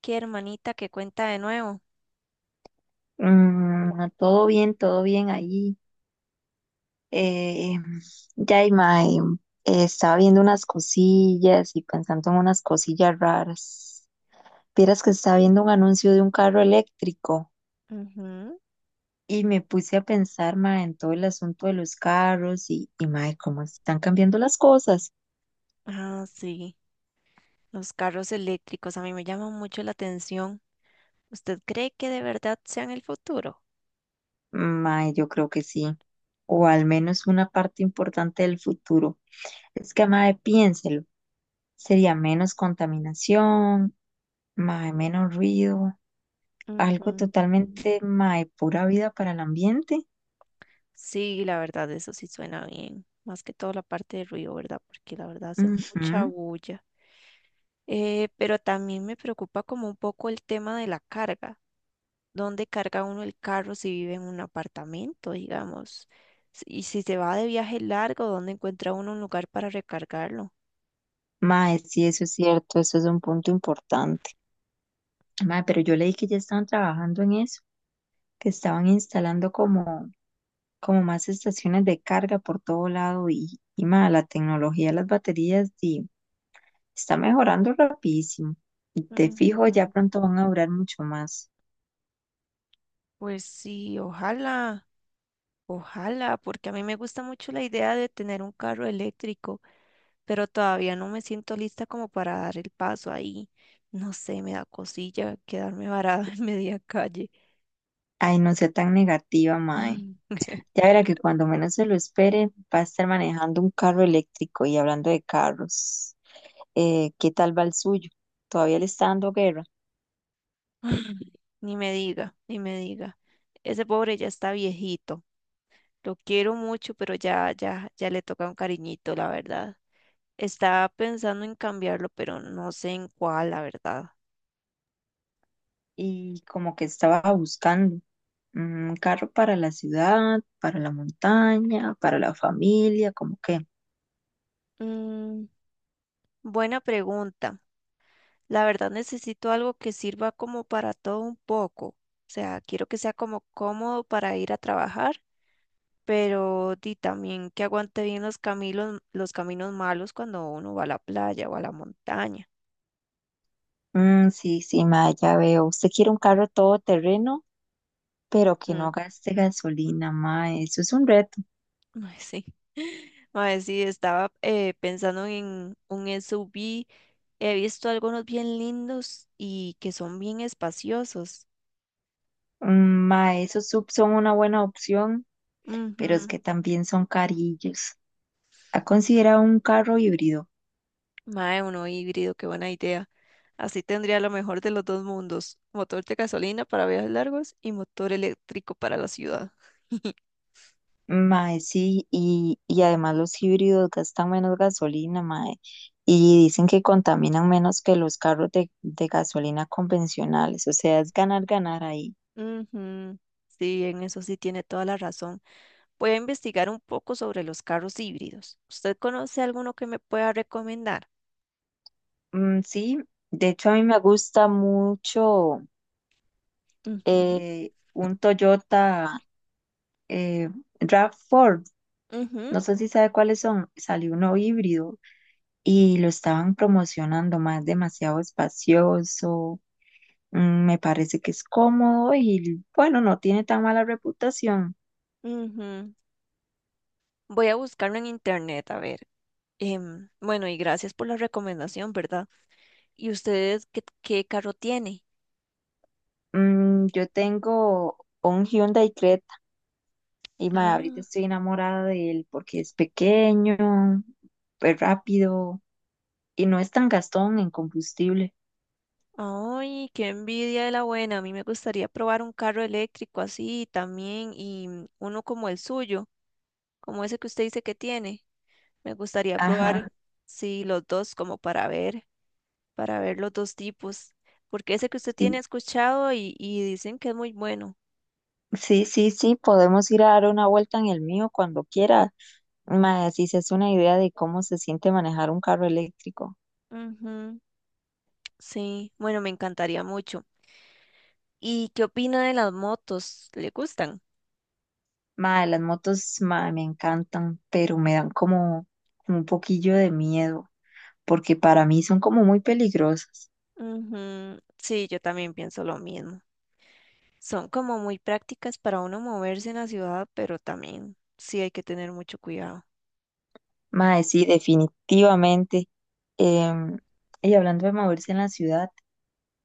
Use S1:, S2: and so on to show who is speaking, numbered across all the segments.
S1: Qué hermanita que cuenta de nuevo.
S2: Mm, todo bien ahí. Eh, Yaima, estaba viendo unas cosillas y pensando en unas cosillas raras. Vieras que estaba viendo un anuncio de un carro eléctrico
S1: Ujú.
S2: y me puse a pensar, ma, en todo el asunto de los carros y ma, cómo están cambiando las cosas.
S1: Ah, sí, los carros eléctricos a mí me llaman mucho la atención. ¿Usted cree que de verdad sean el futuro?
S2: Ma, yo creo que sí, o al menos una parte importante del futuro. Es que, ma, piénselo, sería menos contaminación, ma, menos ruido. Algo
S1: Ujú.
S2: totalmente, mae, pura vida para el ambiente.
S1: Sí, la verdad, eso sí suena bien. Más que todo la parte de ruido, ¿verdad? Porque la verdad hace mucha
S2: Ujú.
S1: bulla. Pero también me preocupa como un poco el tema de la carga. ¿Dónde carga uno el carro si vive en un apartamento, digamos? Y si se va de viaje largo, ¿dónde encuentra uno un lugar para recargarlo?
S2: Mae, sí, eso es cierto, eso es un punto importante. Mae, pero yo leí que ya estaban trabajando en eso, que estaban instalando como más estaciones de carga por todo lado y mae, la tecnología de las baterías sí, está mejorando rapidísimo. Y te fijo, ya
S1: Ujú.
S2: pronto van a durar mucho más.
S1: Pues sí, ojalá, ojalá, porque a mí me gusta mucho la idea de tener un carro eléctrico, pero todavía no me siento lista como para dar el paso ahí. No sé, me da cosilla quedarme varada en media calle.
S2: Ay, no sea tan negativa, mae. Ya verá que cuando menos se lo espere, va a estar manejando un carro eléctrico y hablando de carros. ¿ Qué tal va el suyo? Todavía le está dando guerra
S1: Ni me diga, ni me diga. Ese pobre ya está viejito. Lo quiero mucho, pero ya, ya, ya le toca un cariñito, la verdad. Estaba pensando en cambiarlo, pero no sé en cuál, la verdad.
S2: y como que estaba buscando un carro para la ciudad, para la montaña, para la familia, como que.
S1: Mm, buena pregunta. La verdad necesito algo que sirva como para todo un poco. O sea, quiero que sea como cómodo para ir a trabajar, pero di también que aguante bien los caminos malos cuando uno va a la playa o a la montaña.
S2: Mm, sí, sí, ma, ya veo. Usted quiere un carro todoterreno, pero que no gaste gasolina, ma, eso es un reto.
S1: Mae, sí. Mae, sí, estaba pensando en un SUV. He visto algunos bien lindos y que son bien espaciosos.
S2: Mm, ma, esos SUV son una buena opción, pero es
S1: Ujú.
S2: que también son carillos. ¿Ha considerado un carro híbrido?
S1: Mae, uno híbrido, qué buena idea. Así tendría lo mejor de los dos mundos. Motor de gasolina para viajes largos y motor eléctrico para la ciudad.
S2: Mae, sí, y además los híbridos gastan menos gasolina, mae, y dicen que contaminan menos que los carros de gasolina convencionales, o sea, es ganar, ganar ahí.
S1: Ujú. Sí, en eso sí tiene toda la razón. Voy a investigar un poco sobre los carros híbridos. ¿Usted conoce alguno que me pueda recomendar?
S2: Mm, sí, de hecho a mí me gusta mucho
S1: Ujú,
S2: un Toyota eh, RAV4,
S1: ujú,
S2: no sé si sabe cuáles son, salió uno híbrido y lo estaban promocionando, más demasiado espacioso. Mm, me parece que es cómodo y bueno, no tiene tan mala reputación.
S1: ujú. Voy a buscarlo en internet, a ver. Bueno, y gracias por la recomendación, ¿verdad? Y ustedes ¿qué carro tiene?
S2: Mm, yo tengo un Hyundai Creta y ma, ahorita
S1: Ah,
S2: estoy enamorada de él porque es pequeño, es rápido y no es tan gastón en combustible.
S1: ay, qué envidia de la buena. A mí me gustaría probar un carro eléctrico así también y mm, uno como el suyo, como ese que usted dice que tiene. Me gustaría probar,
S2: Ajá.
S1: sí, los dos como para ver los dos tipos, porque ese que usted tiene
S2: Sí,
S1: he escuchado y dicen que es muy bueno.
S2: sí, podemos ir a dar una vuelta en el mío cuando quiera. Ma, si se hace una idea de cómo se siente manejar un carro eléctrico.
S1: Ujú, sí, bueno, me encantaría mucho. ¿Y qué opina de las motos? ¿Le gustan?
S2: Ma, las motos, ma, me encantan, pero me dan como un poquillo de miedo, porque para mí son como muy peligrosas.
S1: Ujú, sí, yo también pienso lo mismo. Son como muy prácticas para uno moverse en la ciudad, pero también sí hay que tener mucho cuidado.
S2: Mae, sí, definitivamente. Em, y hablando de moverse en la ciudad,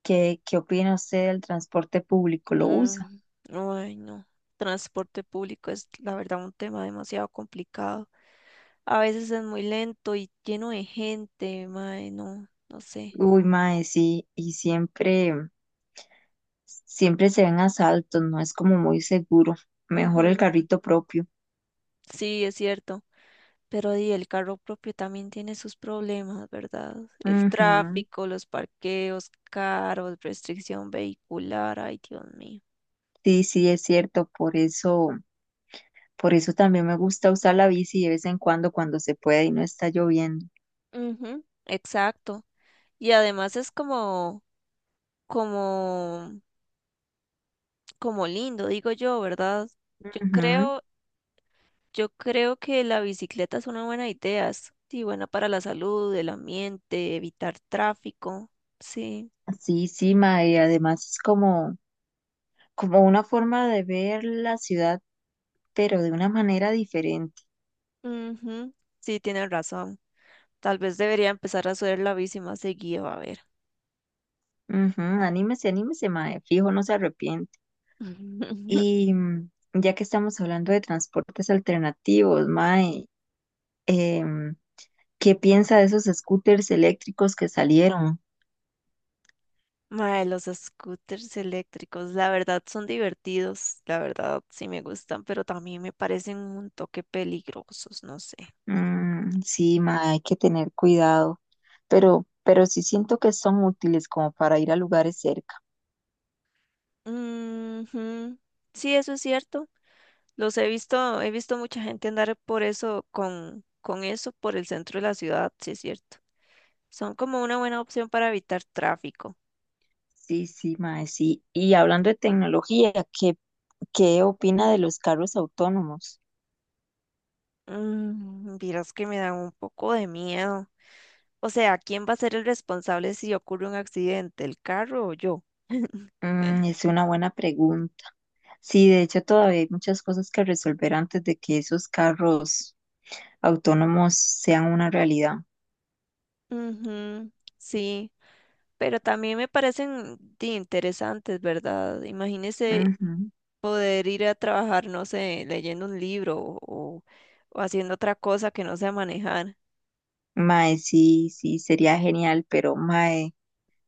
S2: ¿qué, qué opina usted del transporte público? ¿Lo usa?
S1: Mm, ay, no. Transporte público es, la verdad, un tema demasiado complicado. A veces es muy lento y lleno de gente, mae, no, no sé.
S2: Uy, mae, sí, y siempre, siempre se ven asaltos, no es como muy seguro. Mejor el
S1: Ujú,
S2: carrito propio.
S1: sí, es cierto. Pero di el carro propio también tiene sus problemas, ¿verdad? El
S2: Ujú.
S1: tráfico, los parqueos caros, restricción vehicular, ay, Dios mío.
S2: Sí, sí, es cierto, por eso también me gusta usar la bici de vez en cuando cuando se puede y no está lloviendo.
S1: Ujú, exacto. Y además es como, como, como lindo, digo yo, ¿verdad? Yo
S2: Ujú.
S1: creo, yo creo que la bicicleta es una buena idea, es, sí, buena para la salud, el ambiente, evitar tráfico, sí.
S2: Sí, sí, ma, y además es como, como una forma de ver la ciudad, pero de una manera diferente.
S1: Ujú, sí, tienes razón. Tal vez debería empezar a hacer la bici más seguido, a ver.
S2: Ujú, anímese, anímese, ma, fijo, no se arrepiente. Y ya que estamos hablando de transportes alternativos, ma, ¿qué piensa de esos scooters eléctricos que salieron?
S1: Mae, los scooters eléctricos, la verdad son divertidos, la verdad sí me gustan, pero también me parecen un toque peligrosos, no sé.
S2: Mm, sí, ma, hay que tener cuidado, pero sí siento que son útiles como para ir a lugares cerca.
S1: Ujú, sí, eso es cierto. Los he visto mucha gente andar por eso, con eso por el centro de la ciudad, sí es cierto. Son como una buena opción para evitar tráfico.
S2: Sí, sí, mae, sí. Y hablando de tecnología, ¿qué opina de los carros autónomos?
S1: Mm, vieras que me dan un poco de miedo. O sea, ¿quién va a ser el responsable si ocurre un accidente, el carro o yo?
S2: Mm, es una buena pregunta. Sí, de hecho todavía hay muchas cosas que resolver antes de que esos carros autónomos sean una realidad.
S1: Ujú, sí, pero también me parecen di, interesantes, ¿verdad? Imagínese
S2: Ujú.
S1: poder ir a trabajar, no sé, leyendo un libro o, o o haciendo otra cosa que no sea manejar.
S2: Mae, sí, sí, sería genial, pero mae,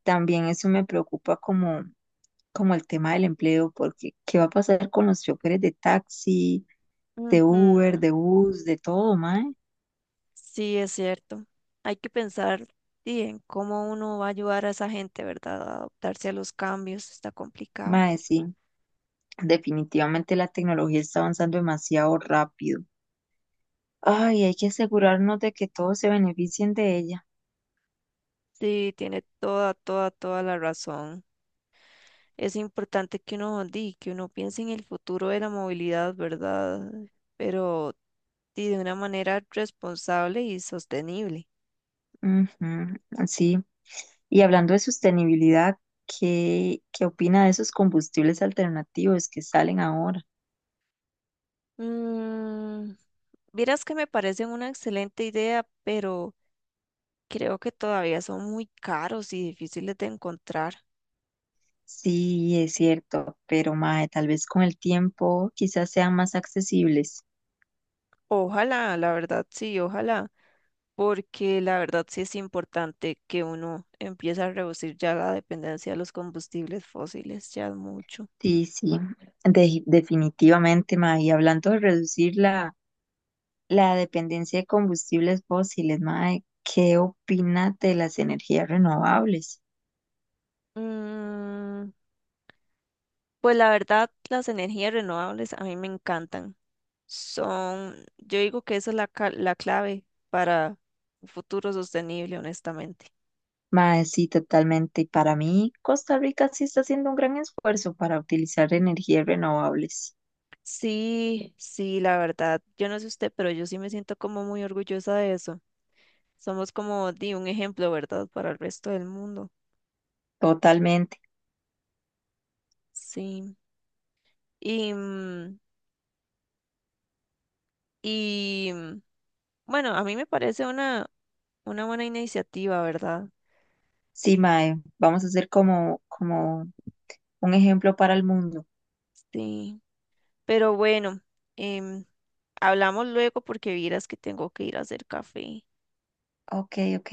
S2: también eso me preocupa como, como el tema del empleo, porque ¿qué va a pasar con los choferes de taxi, de
S1: Ujú,
S2: Uber, de bus, de todo, mae?
S1: sí, es cierto. Hay que pensar, di, en cómo uno va a ayudar a esa gente, ¿verdad? A adaptarse a los cambios, está complicado.
S2: Mae, sí, definitivamente la tecnología está avanzando demasiado rápido. Ay, hay que asegurarnos de que todos se beneficien de ella.
S1: Sí, tiene toda, toda, toda la razón. Es importante que uno, di, que uno piense en el futuro de la movilidad, ¿verdad? Pero y de una manera responsable y sostenible.
S2: Ujú, sí. Y hablando de sostenibilidad, ¿qué, qué opina de esos combustibles alternativos que salen ahora?
S1: Mm, vieras que me parecen una excelente idea, pero creo que todavía son muy caros y difíciles de encontrar.
S2: Sí, es cierto, pero mae, tal vez con el tiempo quizás sean más accesibles.
S1: Ojalá, la verdad sí, ojalá, porque la verdad sí es importante que uno empiece a reducir ya la dependencia de los combustibles fósiles, ya es mucho.
S2: Sí, sí, definitivamente, mae. Y hablando de reducir la, la dependencia de combustibles fósiles, mae, ¿qué opina de las energías renovables?
S1: Mm, pues la verdad, las energías renovables a mí me encantan. Son, yo digo que esa es la, la clave para un futuro sostenible, honestamente.
S2: Mae, sí, totalmente. Y para mí, Costa Rica sí está haciendo un gran esfuerzo para utilizar energías renovables.
S1: Sí, sí, la verdad, yo no sé usted, pero yo sí me siento como muy orgullosa de eso. Somos como di un ejemplo, ¿verdad? Para el resto del mundo.
S2: Totalmente.
S1: Sí. Y, y mm, bueno, a mí me parece una buena iniciativa, ¿verdad?
S2: Sí, mae, vamos a hacer como, como un ejemplo para el mundo.
S1: Sí. Pero bueno, em, hablamos luego porque vieras que tengo que ir a hacer café.
S2: Ok, ok.